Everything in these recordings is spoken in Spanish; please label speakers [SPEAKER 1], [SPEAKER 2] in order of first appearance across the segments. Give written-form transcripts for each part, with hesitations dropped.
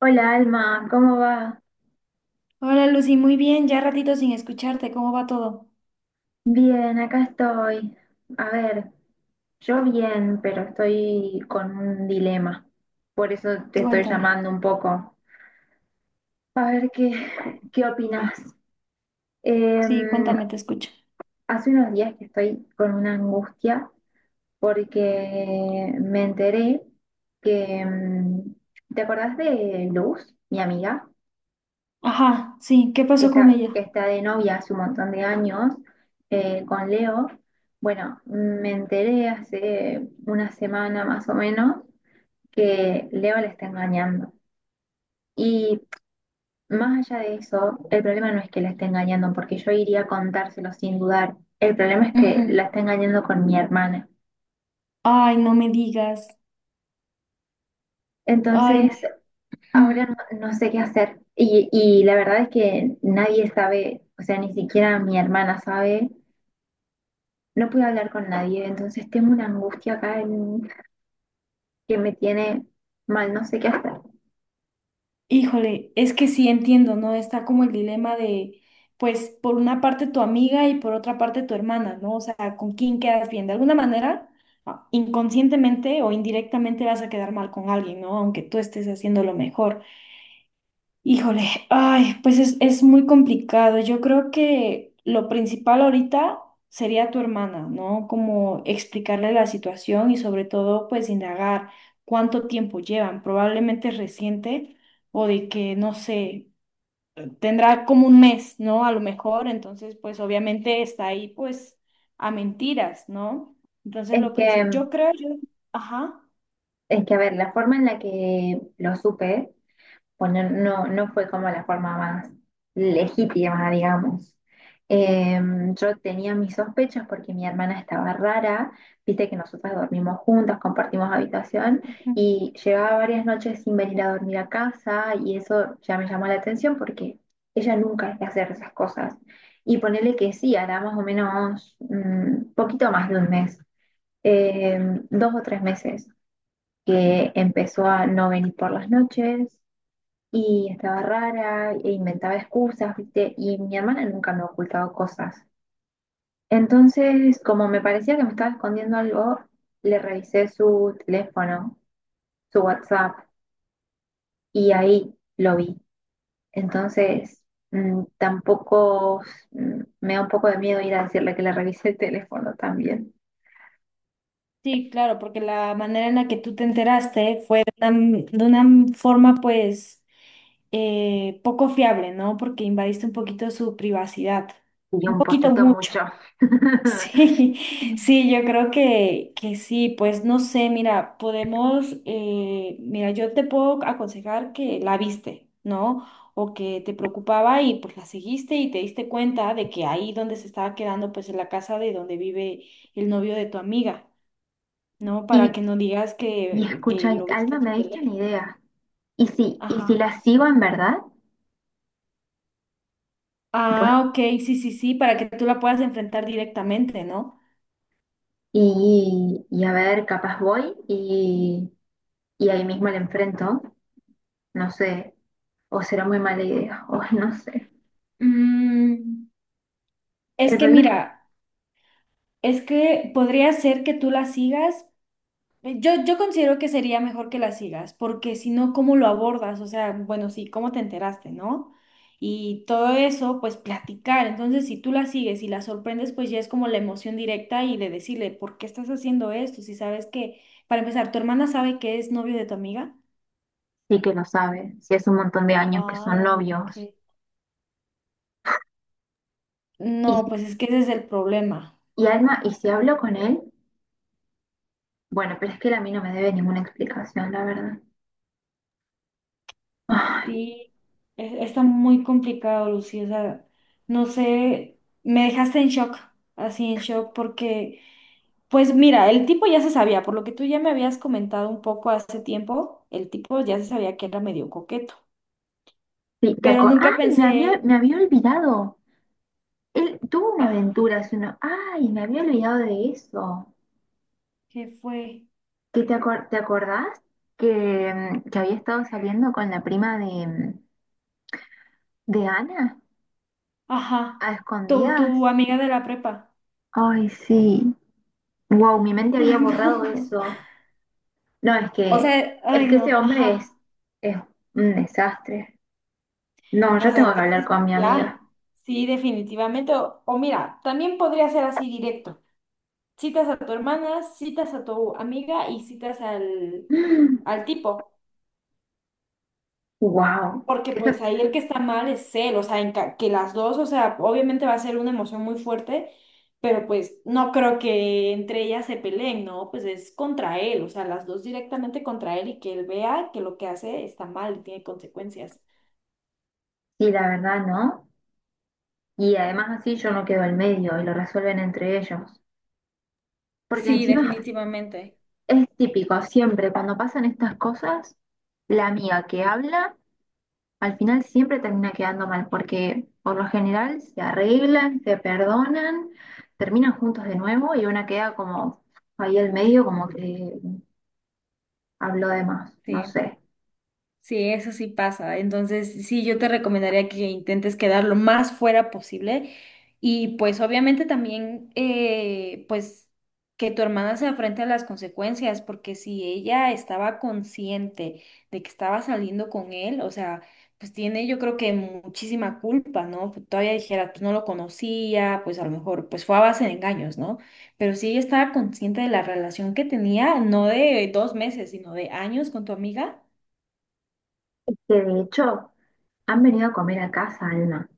[SPEAKER 1] Hola Alma, ¿cómo va?
[SPEAKER 2] Hola Lucy, muy bien, ya ratito sin escucharte, ¿cómo va todo?
[SPEAKER 1] Bien, acá estoy. A ver, yo bien, pero estoy con un dilema. Por eso te estoy
[SPEAKER 2] Cuéntame.
[SPEAKER 1] llamando un poco. A ver qué,
[SPEAKER 2] Cu-
[SPEAKER 1] qué opinás.
[SPEAKER 2] Sí,
[SPEAKER 1] Em,
[SPEAKER 2] cuéntame, te escucho.
[SPEAKER 1] Hace unos días que estoy con una angustia porque me enteré que ¿te acordás de Luz, mi amiga?
[SPEAKER 2] Ajá, sí, ¿qué
[SPEAKER 1] que
[SPEAKER 2] pasó con
[SPEAKER 1] está,
[SPEAKER 2] ella?
[SPEAKER 1] que está de novia hace un montón de años con Leo. Bueno, me enteré hace una semana más o menos que Leo la está engañando. Y más allá de eso, el problema no es que la esté engañando, porque yo iría a contárselo sin dudar. El problema es que la
[SPEAKER 2] Ujú.
[SPEAKER 1] está engañando con mi hermana.
[SPEAKER 2] Ay, no me digas. Ay, no.
[SPEAKER 1] Entonces, ahora
[SPEAKER 2] Mm.
[SPEAKER 1] no sé qué hacer. Y la verdad es que nadie sabe, o sea, ni siquiera mi hermana sabe, no pude hablar con nadie, entonces tengo una angustia acá en- que me tiene mal, no sé qué hacer.
[SPEAKER 2] Híjole, es que sí entiendo, ¿no? Está como el dilema de, pues, por una parte tu amiga y por otra parte tu hermana, ¿no? O sea, ¿con quién quedas bien? De alguna manera, ah, inconscientemente o indirectamente vas a quedar mal con alguien, ¿no? Aunque tú estés haciendo lo mejor. Híjole, ay, pues es muy complicado. Yo creo que lo principal ahorita sería tu hermana, ¿no? Como explicarle la situación y sobre todo, pues indagar cuánto tiempo llevan. Probablemente es reciente o de que, no sé, tendrá como un mes, ¿no? A lo mejor, entonces, pues obviamente está ahí, pues, a mentiras, ¿no? Entonces,
[SPEAKER 1] Es
[SPEAKER 2] lo principal,
[SPEAKER 1] que,
[SPEAKER 2] yo creo, yo, ajá.
[SPEAKER 1] es que, a ver, la forma en la que lo supe, bueno, no, no fue como la forma más legítima, digamos. Eh, yo tenía mis sospechas porque mi hermana estaba rara, viste que nosotras dormimos juntas, compartimos habitación y llevaba varias noches sin venir a dormir a casa y eso ya me llamó la atención porque ella nunca es de hacer esas cosas. Y ponerle que sí, hará más o menos un poquito más de un mes, eh, dos o tres meses que empezó a no venir por las noches y estaba rara e inventaba excusas, ¿viste? Y mi hermana nunca me ha ocultado cosas. Entonces, como me parecía que me estaba escondiendo algo, le revisé su teléfono, su WhatsApp, y ahí lo vi. Entonces, tampoco me da un poco de miedo ir a decirle que le revisé el teléfono también.
[SPEAKER 2] Sí, claro, porque la manera en la que tú te enteraste fue de una forma pues poco fiable, ¿no? Porque invadiste un poquito su privacidad,
[SPEAKER 1] Y
[SPEAKER 2] un
[SPEAKER 1] un
[SPEAKER 2] poquito
[SPEAKER 1] poquito
[SPEAKER 2] mucho.
[SPEAKER 1] mucho.
[SPEAKER 2] Sí, sí, yo creo que sí, pues no sé, mira, podemos, mira, yo te puedo aconsejar que la viste, ¿no? O que te preocupaba y pues la seguiste y te diste cuenta de que ahí donde se estaba quedando pues en la casa de donde vive el novio de tu amiga, ¿no? Para
[SPEAKER 1] Y,
[SPEAKER 2] que no digas
[SPEAKER 1] y
[SPEAKER 2] que
[SPEAKER 1] escucha,
[SPEAKER 2] lo viste
[SPEAKER 1] Alma,
[SPEAKER 2] en su
[SPEAKER 1] me diste
[SPEAKER 2] teléfono.
[SPEAKER 1] una idea. Y si
[SPEAKER 2] Ajá.
[SPEAKER 1] la sigo en verdad?
[SPEAKER 2] Ah, ok, sí, sí, sí, para que tú la puedas enfrentar directamente, ¿no?
[SPEAKER 1] Y a ver, capaz voy y ahí mismo le enfrento, no sé, o será muy mala idea, o no sé.
[SPEAKER 2] Mm, es
[SPEAKER 1] El
[SPEAKER 2] que
[SPEAKER 1] problema es
[SPEAKER 2] mira, es que podría ser que tú la sigas. Yo considero que sería mejor que la sigas, porque si no, ¿cómo lo abordas? O sea, bueno, sí, ¿cómo te enteraste, no? Y todo eso, pues platicar. Entonces, si tú la sigues y la sorprendes, pues ya es como la emoción directa y de decirle, ¿por qué estás haciendo esto? Si sabes que, para empezar, ¿tu hermana sabe que es novio de tu amiga?
[SPEAKER 1] sí que lo sabe, si hace un montón de años que son
[SPEAKER 2] Ay,
[SPEAKER 1] novios.
[SPEAKER 2] ok.
[SPEAKER 1] Y, si-
[SPEAKER 2] No, pues es que ese es el problema.
[SPEAKER 1] y Alma, ¿y si hablo con él? Bueno, pero es que él a mí no me debe ninguna explicación, la verdad. Ay,
[SPEAKER 2] Sí, está muy complicado, Lucy. O sea, no sé, me dejaste en shock, así en shock, porque, pues mira, el tipo ya se sabía, por lo que tú ya me habías comentado un poco hace tiempo, el tipo ya se sabía que era medio coqueto,
[SPEAKER 1] sí, te
[SPEAKER 2] pero
[SPEAKER 1] aco-
[SPEAKER 2] nunca
[SPEAKER 1] ¡ay! Me había,
[SPEAKER 2] pensé,
[SPEAKER 1] me había olvidado. Él tuvo una
[SPEAKER 2] ajá,
[SPEAKER 1] aventura hace uno. ¡Ay! Me había olvidado de eso.
[SPEAKER 2] ¿qué fue?
[SPEAKER 1] ¿Qué te acor- te acordás? Que, que había estado saliendo con la prima de. ¿De Ana?
[SPEAKER 2] Ajá,
[SPEAKER 1] ¿A
[SPEAKER 2] tu,
[SPEAKER 1] escondidas?
[SPEAKER 2] tu amiga de la prepa.
[SPEAKER 1] Ay, sí. Wow, mi mente
[SPEAKER 2] Ay,
[SPEAKER 1] había borrado
[SPEAKER 2] no.
[SPEAKER 1] eso. No, es
[SPEAKER 2] O
[SPEAKER 1] que,
[SPEAKER 2] sea, ay,
[SPEAKER 1] es que ese
[SPEAKER 2] no,
[SPEAKER 1] hombre
[SPEAKER 2] ajá.
[SPEAKER 1] es un desastre. No, yo
[SPEAKER 2] O sea,
[SPEAKER 1] tengo que hablar
[SPEAKER 2] entonces
[SPEAKER 1] con mi amiga.
[SPEAKER 2] ya, sí, definitivamente. O, mira, también podría ser así directo. Citas a tu hermana, citas a tu amiga y citas al tipo.
[SPEAKER 1] Wow.
[SPEAKER 2] Porque
[SPEAKER 1] Eso
[SPEAKER 2] pues ahí el que está mal es él, o sea, que las dos, o sea, obviamente va a ser una emoción muy fuerte, pero pues no creo que entre ellas se peleen, ¿no? Pues es contra él, o sea, las dos directamente contra él y que él vea que lo que hace está mal y tiene consecuencias.
[SPEAKER 1] sí, la verdad, ¿no? Y además así yo no quedo en medio y lo resuelven entre ellos. Porque
[SPEAKER 2] Sí,
[SPEAKER 1] encima
[SPEAKER 2] definitivamente.
[SPEAKER 1] es típico, siempre cuando pasan estas cosas, la amiga que habla al final siempre termina quedando mal, porque por lo general se arreglan, se perdonan, terminan juntos de nuevo y una queda como ahí al medio, como que habló de más, no
[SPEAKER 2] Sí.
[SPEAKER 1] sé.
[SPEAKER 2] Sí, eso sí pasa. Entonces, sí, yo te recomendaría que intentes quedar lo más fuera posible y pues obviamente también, pues que tu hermana se afrente a las consecuencias, porque si ella estaba consciente de que estaba saliendo con él, o sea, pues tiene yo creo que muchísima culpa, ¿no? Pues, todavía dijera, pues no lo conocía, pues a lo mejor, pues fue a base de engaños, ¿no? Pero si ella estaba consciente de la relación que tenía, no de dos meses, sino de años con tu amiga,
[SPEAKER 1] Que de hecho han venido a comer a casa, Alma.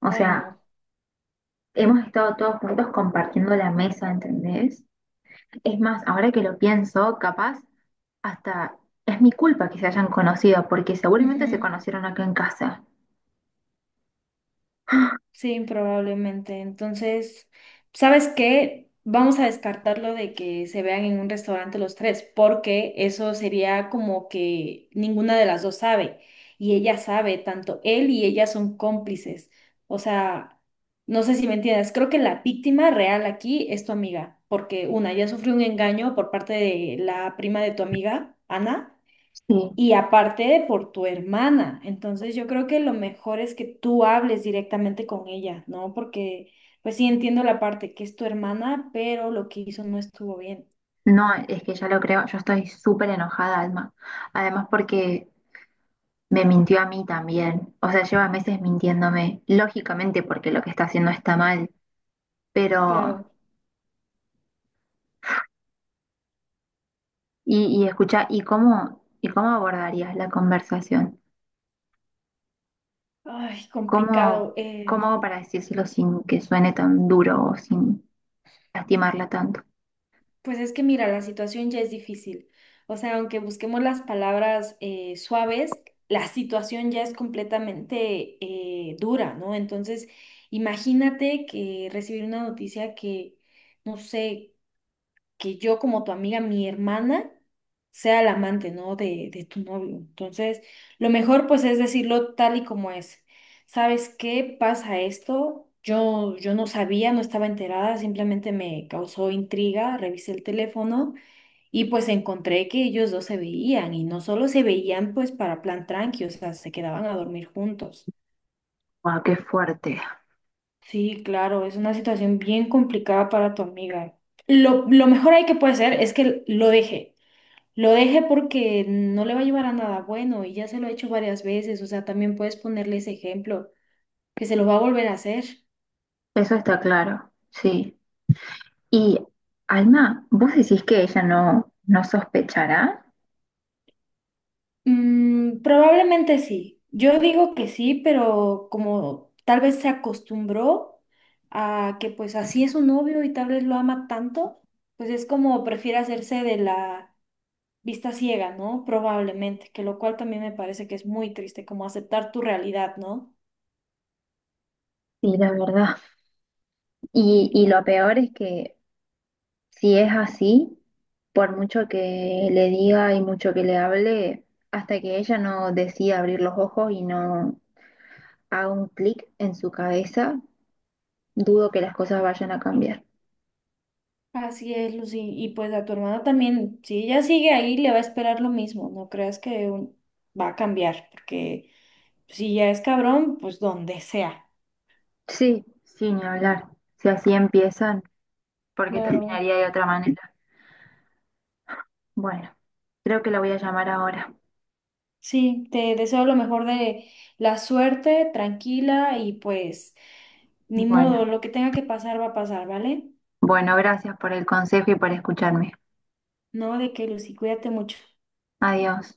[SPEAKER 1] O
[SPEAKER 2] ay
[SPEAKER 1] sea,
[SPEAKER 2] no.
[SPEAKER 1] hemos estado todos juntos compartiendo la mesa, ¿entendés? Es más, ahora que lo pienso, capaz hasta es mi culpa que se hayan conocido, porque seguramente se
[SPEAKER 2] Ujú,
[SPEAKER 1] conocieron acá en casa.
[SPEAKER 2] sí, probablemente. Entonces, ¿sabes qué? Vamos a descartarlo de que se vean en un restaurante los tres, porque eso sería como que ninguna de las dos sabe. Y ella sabe, tanto él y ella son cómplices. O sea, no sé si me entiendes. Creo que la víctima real aquí es tu amiga, porque una, ya sufrió un engaño por parte de la prima de tu amiga, Ana.
[SPEAKER 1] Sí.
[SPEAKER 2] Y aparte de por tu hermana, entonces yo creo que lo mejor es que tú hables directamente con ella, ¿no? Porque, pues sí entiendo la parte que es tu hermana, pero lo que hizo no estuvo bien.
[SPEAKER 1] No, es que ya lo creo, yo estoy súper enojada, Alma. Además porque me mintió a mí también. O sea, lleva meses mintiéndome, lógicamente porque lo que está haciendo está mal. Pero,
[SPEAKER 2] Claro,
[SPEAKER 1] y escucha, y cómo abordarías la conversación?
[SPEAKER 2] ay,
[SPEAKER 1] ¿Cómo,
[SPEAKER 2] complicado.
[SPEAKER 1] cómo hago para decírselo sin que suene tan duro o sin lastimarla tanto?
[SPEAKER 2] Pues es que mira, la situación ya es difícil. O sea, aunque busquemos las palabras suaves, la situación ya es completamente dura, ¿no? Entonces, imagínate que recibir una noticia que no sé, que yo como tu amiga, mi hermana, sea la amante, ¿no? De tu novio. Entonces, lo mejor pues es decirlo tal y como es. ¿Sabes qué pasa esto? Yo no sabía, no estaba enterada, simplemente me causó intriga, revisé el teléfono y pues encontré que ellos dos se veían y no solo se veían pues para plan tranqui, o sea, se quedaban a dormir juntos.
[SPEAKER 1] ¡Wow, qué fuerte!
[SPEAKER 2] Sí, claro, es una situación bien complicada para tu amiga. Lo mejor ahí que puede hacer es que lo deje. Lo deje porque no le va a llevar a nada bueno y ya se lo he hecho varias veces, o sea, también puedes ponerle ese ejemplo, que se lo va a volver a hacer.
[SPEAKER 1] Eso está claro, sí. Y Alma, ¿vos decís que ella no, no sospechará?
[SPEAKER 2] Mm, probablemente sí. Yo digo que sí, pero como tal vez se acostumbró a que pues así es su novio y tal vez lo ama tanto, pues es como prefiere hacerse de la vista ciega, ¿no? Probablemente, que lo cual también me parece que es muy triste, como aceptar tu realidad, ¿no?
[SPEAKER 1] Sí, la verdad. Y lo peor es que si es así, por mucho que le diga y mucho que le hable, hasta que ella no decida abrir los ojos y no haga un clic en su cabeza, dudo que las cosas vayan a cambiar.
[SPEAKER 2] Así es, Lucy. Y pues a tu hermana también, si ella sigue ahí, le va a esperar lo mismo. No creas que va a cambiar, porque si ya es cabrón, pues donde sea.
[SPEAKER 1] Sí, sí, ni hablar. Si así empiezan, porque
[SPEAKER 2] Claro.
[SPEAKER 1] terminaría de otra manera. Bueno, creo que la voy a llamar ahora.
[SPEAKER 2] Sí, te deseo lo mejor de la suerte, tranquila y pues ni modo,
[SPEAKER 1] Bueno,
[SPEAKER 2] lo que tenga que pasar va a pasar, ¿vale?
[SPEAKER 1] bueno, gracias por el consejo y por escucharme.
[SPEAKER 2] No, de que Lucy, cuídate mucho.
[SPEAKER 1] Adiós.